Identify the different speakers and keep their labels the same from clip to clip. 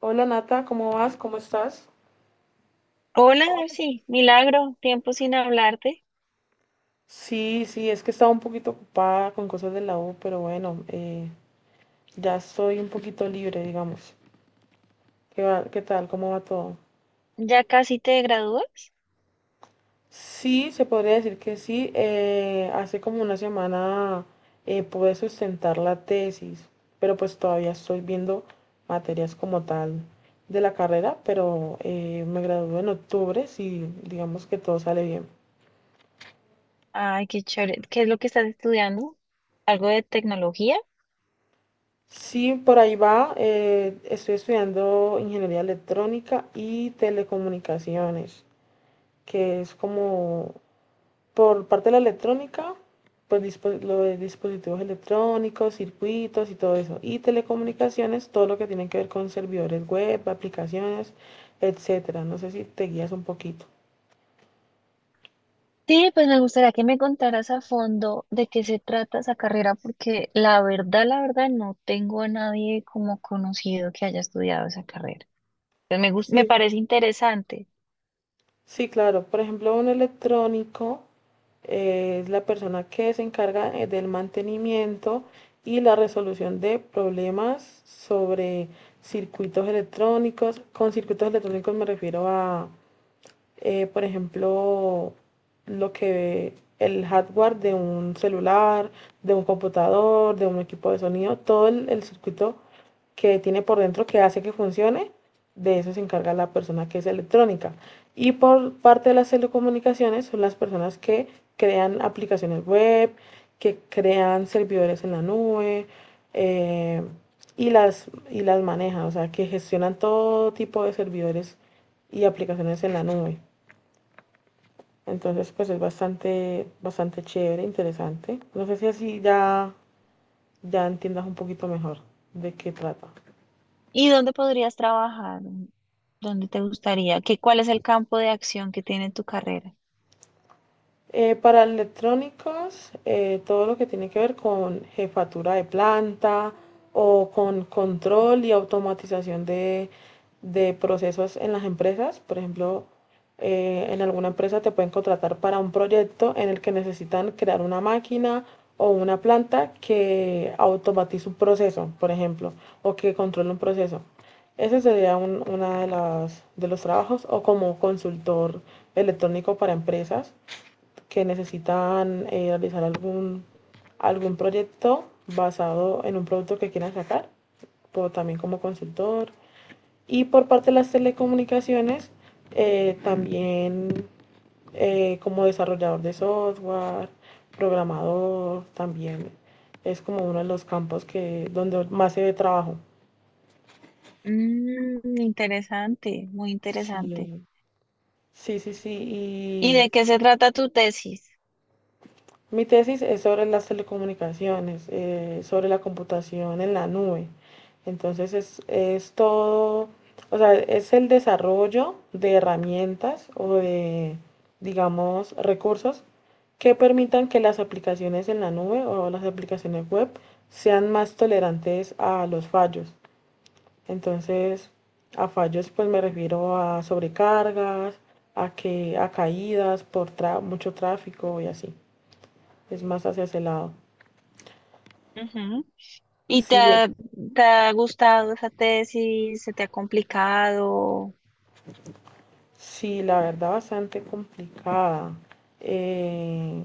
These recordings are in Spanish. Speaker 1: Hola Nata, ¿cómo vas? ¿Cómo estás?
Speaker 2: Hola, sí, milagro, tiempo sin hablarte.
Speaker 1: Sí, sí, es que estaba un poquito ocupada con cosas de la U, pero bueno, ya estoy un poquito libre, digamos. ¿ Qué tal? ¿Cómo va todo?
Speaker 2: ¿Ya casi te gradúas?
Speaker 1: Sí, se podría decir que sí. Hace como una semana pude sustentar la tesis, pero pues todavía estoy viendo materias como tal de la carrera, pero me gradúo en octubre, si digamos que todo sale bien.
Speaker 2: Ay, qué chévere. ¿Qué es lo que estás estudiando? ¿Algo de tecnología?
Speaker 1: Sí, por ahí va. Estoy estudiando ingeniería electrónica y telecomunicaciones, que es como por parte de la electrónica, pues lo de dispositivos electrónicos, circuitos y todo eso. Y telecomunicaciones, todo lo que tiene que ver con servidores web, aplicaciones, etcétera. No sé si te guías un poquito.
Speaker 2: Sí, pues me gustaría que me contaras a fondo de qué se trata esa carrera, porque la verdad, no tengo a nadie como conocido que haya estudiado esa carrera. Me
Speaker 1: Sí,
Speaker 2: parece interesante.
Speaker 1: sí, claro. Por ejemplo, un electrónico es la persona que se encarga del mantenimiento y la resolución de problemas sobre circuitos electrónicos. Con circuitos electrónicos me refiero a por ejemplo, lo que el hardware de un celular, de un computador, de un equipo de sonido, todo el circuito que tiene por dentro que hace que funcione, de eso se encarga la persona que es electrónica. Y por parte de las telecomunicaciones son las personas que crean aplicaciones web, que crean servidores en la nube eh, y las manejan, o sea, que gestionan todo tipo de servidores y aplicaciones en la nube. Entonces, pues es bastante, bastante chévere, interesante. No sé si así ya entiendas un poquito mejor de qué trata.
Speaker 2: ¿Y dónde podrías trabajar? ¿Dónde te gustaría? ¿ cuál es el campo de acción que tiene tu carrera?
Speaker 1: Para electrónicos, todo lo que tiene que ver con jefatura de planta o con control y automatización de procesos en las empresas. Por ejemplo, en alguna empresa te pueden contratar para un proyecto en el que necesitan crear una máquina o una planta que automatice un proceso, por ejemplo, o que controle un proceso. Ese sería uno de, de los trabajos o como consultor electrónico para empresas que necesitan realizar algún, algún proyecto basado en un producto que quieran sacar, pero también como consultor. Y por parte de las telecomunicaciones, también como desarrollador de software, programador, también es como uno de los campos que, donde más se ve trabajo.
Speaker 2: Mm, interesante, muy
Speaker 1: Sí,
Speaker 2: interesante.
Speaker 1: sí, sí,
Speaker 2: ¿Y
Speaker 1: sí.
Speaker 2: de qué se trata tu tesis?
Speaker 1: Mi tesis es sobre las telecomunicaciones, sobre la computación en la nube. Entonces es todo, o sea, es el desarrollo de herramientas o de, digamos, recursos que permitan que las aplicaciones en la nube o las aplicaciones web sean más tolerantes a los fallos. Entonces, a fallos pues me refiero a sobrecargas, a que a caídas por mucho tráfico y así es más hacia ese lado.
Speaker 2: Ujú. ¿Y te
Speaker 1: Sí,
Speaker 2: ha, te ha gustado esa tesis? ¿Se te ha complicado?
Speaker 1: sí, la verdad bastante complicada. Eh,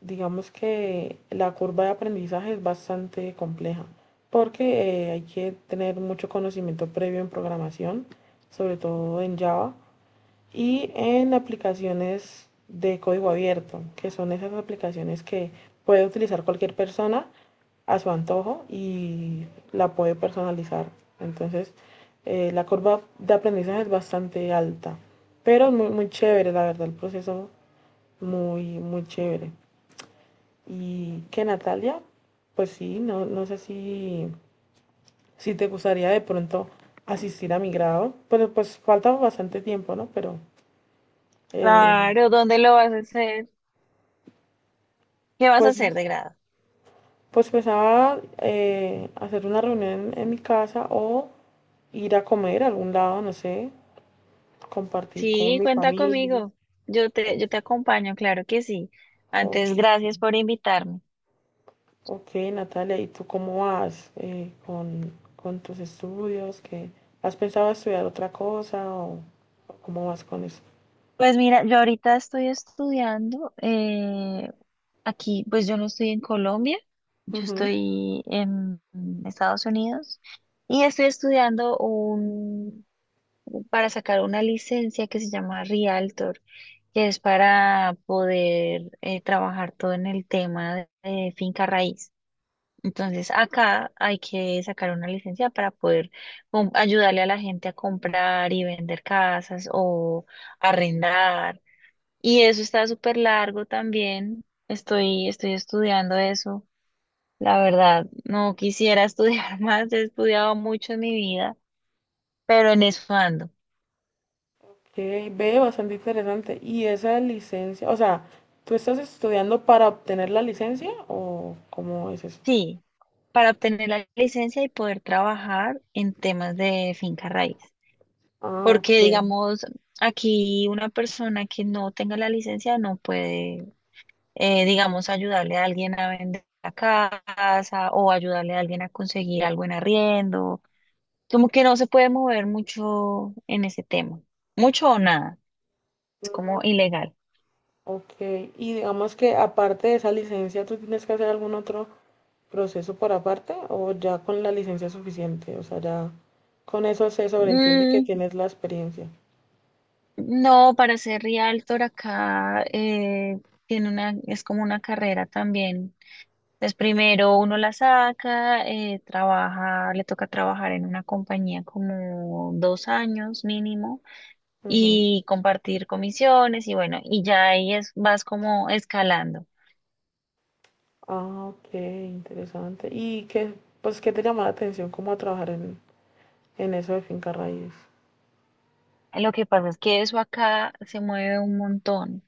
Speaker 1: digamos que la curva de aprendizaje es bastante compleja porque hay que tener mucho conocimiento previo en programación, sobre todo en Java y en aplicaciones de código abierto, que son esas aplicaciones que puede utilizar cualquier persona a su antojo y la puede personalizar. Entonces, la curva de aprendizaje es bastante alta, pero es muy, muy chévere, la verdad, el proceso muy, muy chévere. Y que Natalia, pues sí, no, no sé si te gustaría de pronto asistir a mi grado, pero pues falta bastante tiempo, ¿no? Pero eh,
Speaker 2: Claro, ¿dónde lo vas a hacer? ¿Qué vas a hacer de
Speaker 1: pues,
Speaker 2: grado?
Speaker 1: pues pensaba hacer una reunión en mi casa o ir a comer a algún lado, no sé, compartir con
Speaker 2: Sí,
Speaker 1: mi
Speaker 2: cuenta
Speaker 1: familia.
Speaker 2: conmigo.
Speaker 1: O-
Speaker 2: Yo te acompaño, claro que sí.
Speaker 1: o-
Speaker 2: Antes, gracias por invitarme.
Speaker 1: ok, Natalia, ¿y tú cómo vas con tus estudios? ¿Qué, has pensado estudiar otra cosa o cómo vas con eso?
Speaker 2: Pues mira, yo ahorita estoy estudiando aquí, pues yo no estoy en Colombia, yo
Speaker 1: Ujú.
Speaker 2: estoy en Estados Unidos y estoy estudiando un para sacar una licencia que se llama Realtor, que es para poder trabajar todo en el tema de finca raíz. Entonces, acá hay que sacar una licencia para poder ayudarle a la gente a comprar y vender casas o arrendar. Y eso está súper largo también. Estoy estudiando eso. La verdad, no quisiera estudiar más, he estudiado mucho en mi vida, pero en
Speaker 1: Ok,
Speaker 2: eso ando.
Speaker 1: ve, bastante interesante. ¿Y esa licencia, o sea, tú estás estudiando para obtener la licencia o cómo es eso?
Speaker 2: Sí, para obtener la licencia y poder trabajar en temas de finca raíz.
Speaker 1: Ah, ok.
Speaker 2: Porque, digamos, aquí una persona que no tenga la licencia no puede, digamos, ayudarle a alguien a vender la casa o ayudarle a alguien a conseguir algo en arriendo. Como que no se puede mover mucho en ese tema. Mucho o nada. Es como
Speaker 1: Mm,
Speaker 2: ilegal.
Speaker 1: ok. Y digamos que aparte de esa licencia, ¿tú tienes que hacer algún otro proceso por aparte o ya con la licencia es suficiente? O sea, ya con eso se sobreentiende que
Speaker 2: Mm,
Speaker 1: tienes la experiencia.
Speaker 2: no, para ser realtor acá tiene una, es como una carrera también. Entonces, primero uno la saca, trabaja, le toca trabajar en una compañía como dos años mínimo
Speaker 1: Ujú.
Speaker 2: y compartir comisiones y bueno, y ya ahí es, vas como escalando.
Speaker 1: Ah, ok, interesante. ¿Y qué, pues, qué te llamó la atención cómo trabajar en eso de finca raíz?
Speaker 2: Lo que pasa es que eso acá se mueve un montón.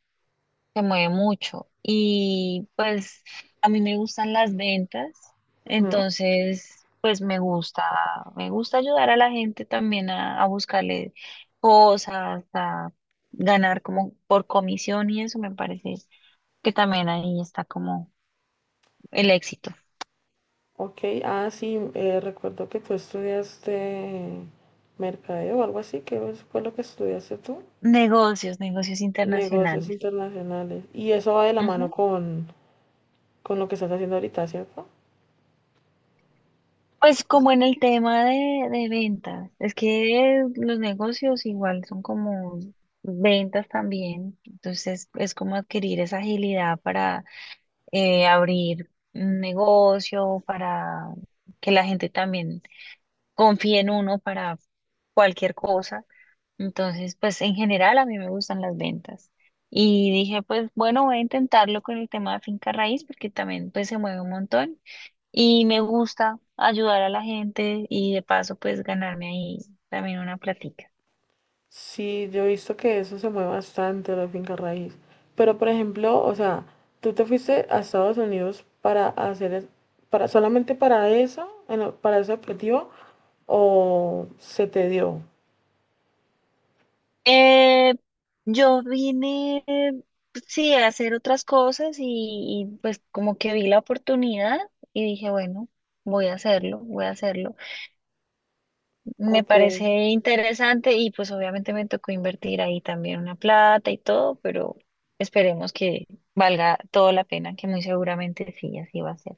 Speaker 2: Se mueve mucho y pues a mí me gustan las ventas,
Speaker 1: Ujú.
Speaker 2: entonces pues me gusta ayudar a la gente también a buscarle cosas, a ganar como por comisión y eso me parece que también ahí está como el éxito.
Speaker 1: Ok, ah, sí, recuerdo que tú estudiaste mercadeo o algo así, fue lo que estudiaste tú?
Speaker 2: Negocios, negocios
Speaker 1: Negocios
Speaker 2: internacionales.
Speaker 1: internacionales. Y eso va de la mano con lo que estás haciendo ahorita, ¿cierto?
Speaker 2: Pues como en el tema de ventas, es que los negocios igual son como ventas también, entonces es como adquirir esa agilidad para abrir un negocio, para que la gente también confíe en uno para cualquier cosa. Entonces, pues en general a mí me gustan las ventas. Y dije, pues bueno, voy a intentarlo con el tema de finca raíz porque también pues se mueve un montón. Y me gusta ayudar a la gente y de paso pues ganarme ahí también una platica.
Speaker 1: Sí, yo he visto que eso se mueve bastante, la finca raíz. Pero, por ejemplo, o sea, tú te fuiste a Estados Unidos para hacer, para, solamente para eso, en para ese objetivo, o se te dio.
Speaker 2: Eh, yo vine, sí, a hacer otras cosas y, pues como que vi la oportunidad y dije, bueno, voy a hacerlo, voy a hacerlo. Me
Speaker 1: Ok,
Speaker 2: parece interesante y pues obviamente me tocó invertir ahí también una plata y todo, pero esperemos que valga toda la pena, que muy seguramente sí, así va a ser.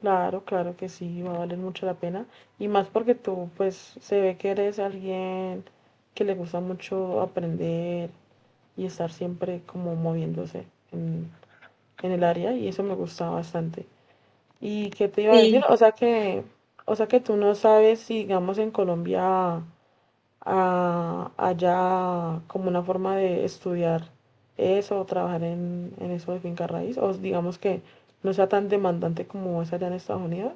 Speaker 1: claro, claro que sí, va a valer mucho la pena. Y más porque tú, pues, se ve que eres alguien que le gusta mucho aprender y estar siempre como moviéndose en, en el área, y eso me gusta bastante. ¿Y qué te iba a decir?
Speaker 2: Sí.
Speaker 1: O sea que tú no sabes si, digamos, en Colombia haya como una forma de estudiar eso o trabajar en eso de finca raíz, o digamos que no sea tan demandante como es allá en Estados Unidos.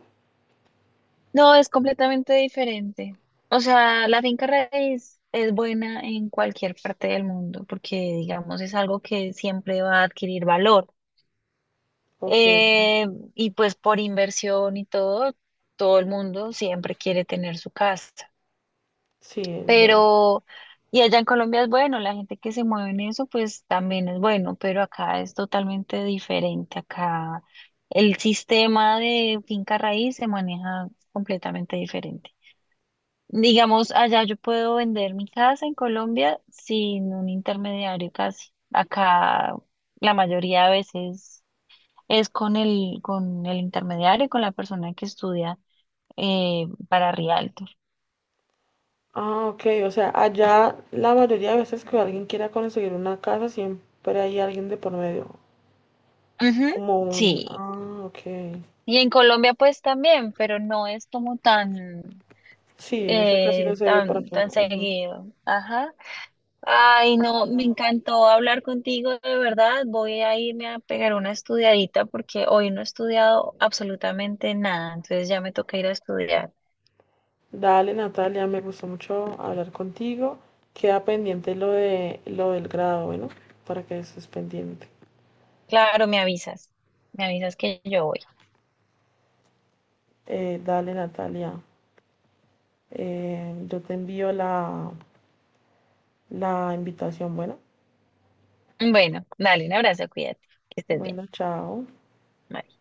Speaker 2: No, es completamente diferente. O sea, la finca raíz es buena en cualquier parte del mundo porque, digamos, es algo que siempre va a adquirir valor.
Speaker 1: Ok,
Speaker 2: Eh, y pues por inversión y todo, todo el mundo siempre quiere tener su casa.
Speaker 1: sí, es verdad.
Speaker 2: Pero, y allá en Colombia es bueno, la gente que se mueve en eso, pues también es bueno, pero acá es totalmente diferente. Acá el sistema de finca raíz se maneja completamente diferente. Digamos, allá yo puedo vender mi casa en Colombia sin un intermediario casi. Acá la mayoría de veces es con el intermediario, con la persona que estudia para Rialto.
Speaker 1: Ah, ok, o sea, allá la mayoría de veces que alguien quiera conseguir una casa, siempre hay alguien de por medio,
Speaker 2: Ujú,
Speaker 1: como un...
Speaker 2: sí.
Speaker 1: Ah, ok.
Speaker 2: Y en Colombia pues también, pero no es como tan,
Speaker 1: Sí, eso casi no se ve por
Speaker 2: tan,
Speaker 1: acá.
Speaker 2: tan
Speaker 1: Ujú.
Speaker 2: seguido. Ajá. Ay, no, me encantó hablar contigo, de verdad. Voy a irme a pegar una estudiadita porque hoy no he estudiado absolutamente nada, entonces ya me toca ir a estudiar.
Speaker 1: Dale, Natalia, me gustó mucho hablar contigo. Queda pendiente lo de lo del grado, bueno, para que estés pendiente.
Speaker 2: Claro, me avisas que yo voy.
Speaker 1: Dale, Natalia, yo te envío la invitación, bueno.
Speaker 2: Bueno, dale un abrazo, cuídate, que estés bien.
Speaker 1: Bueno, chao.
Speaker 2: Bye.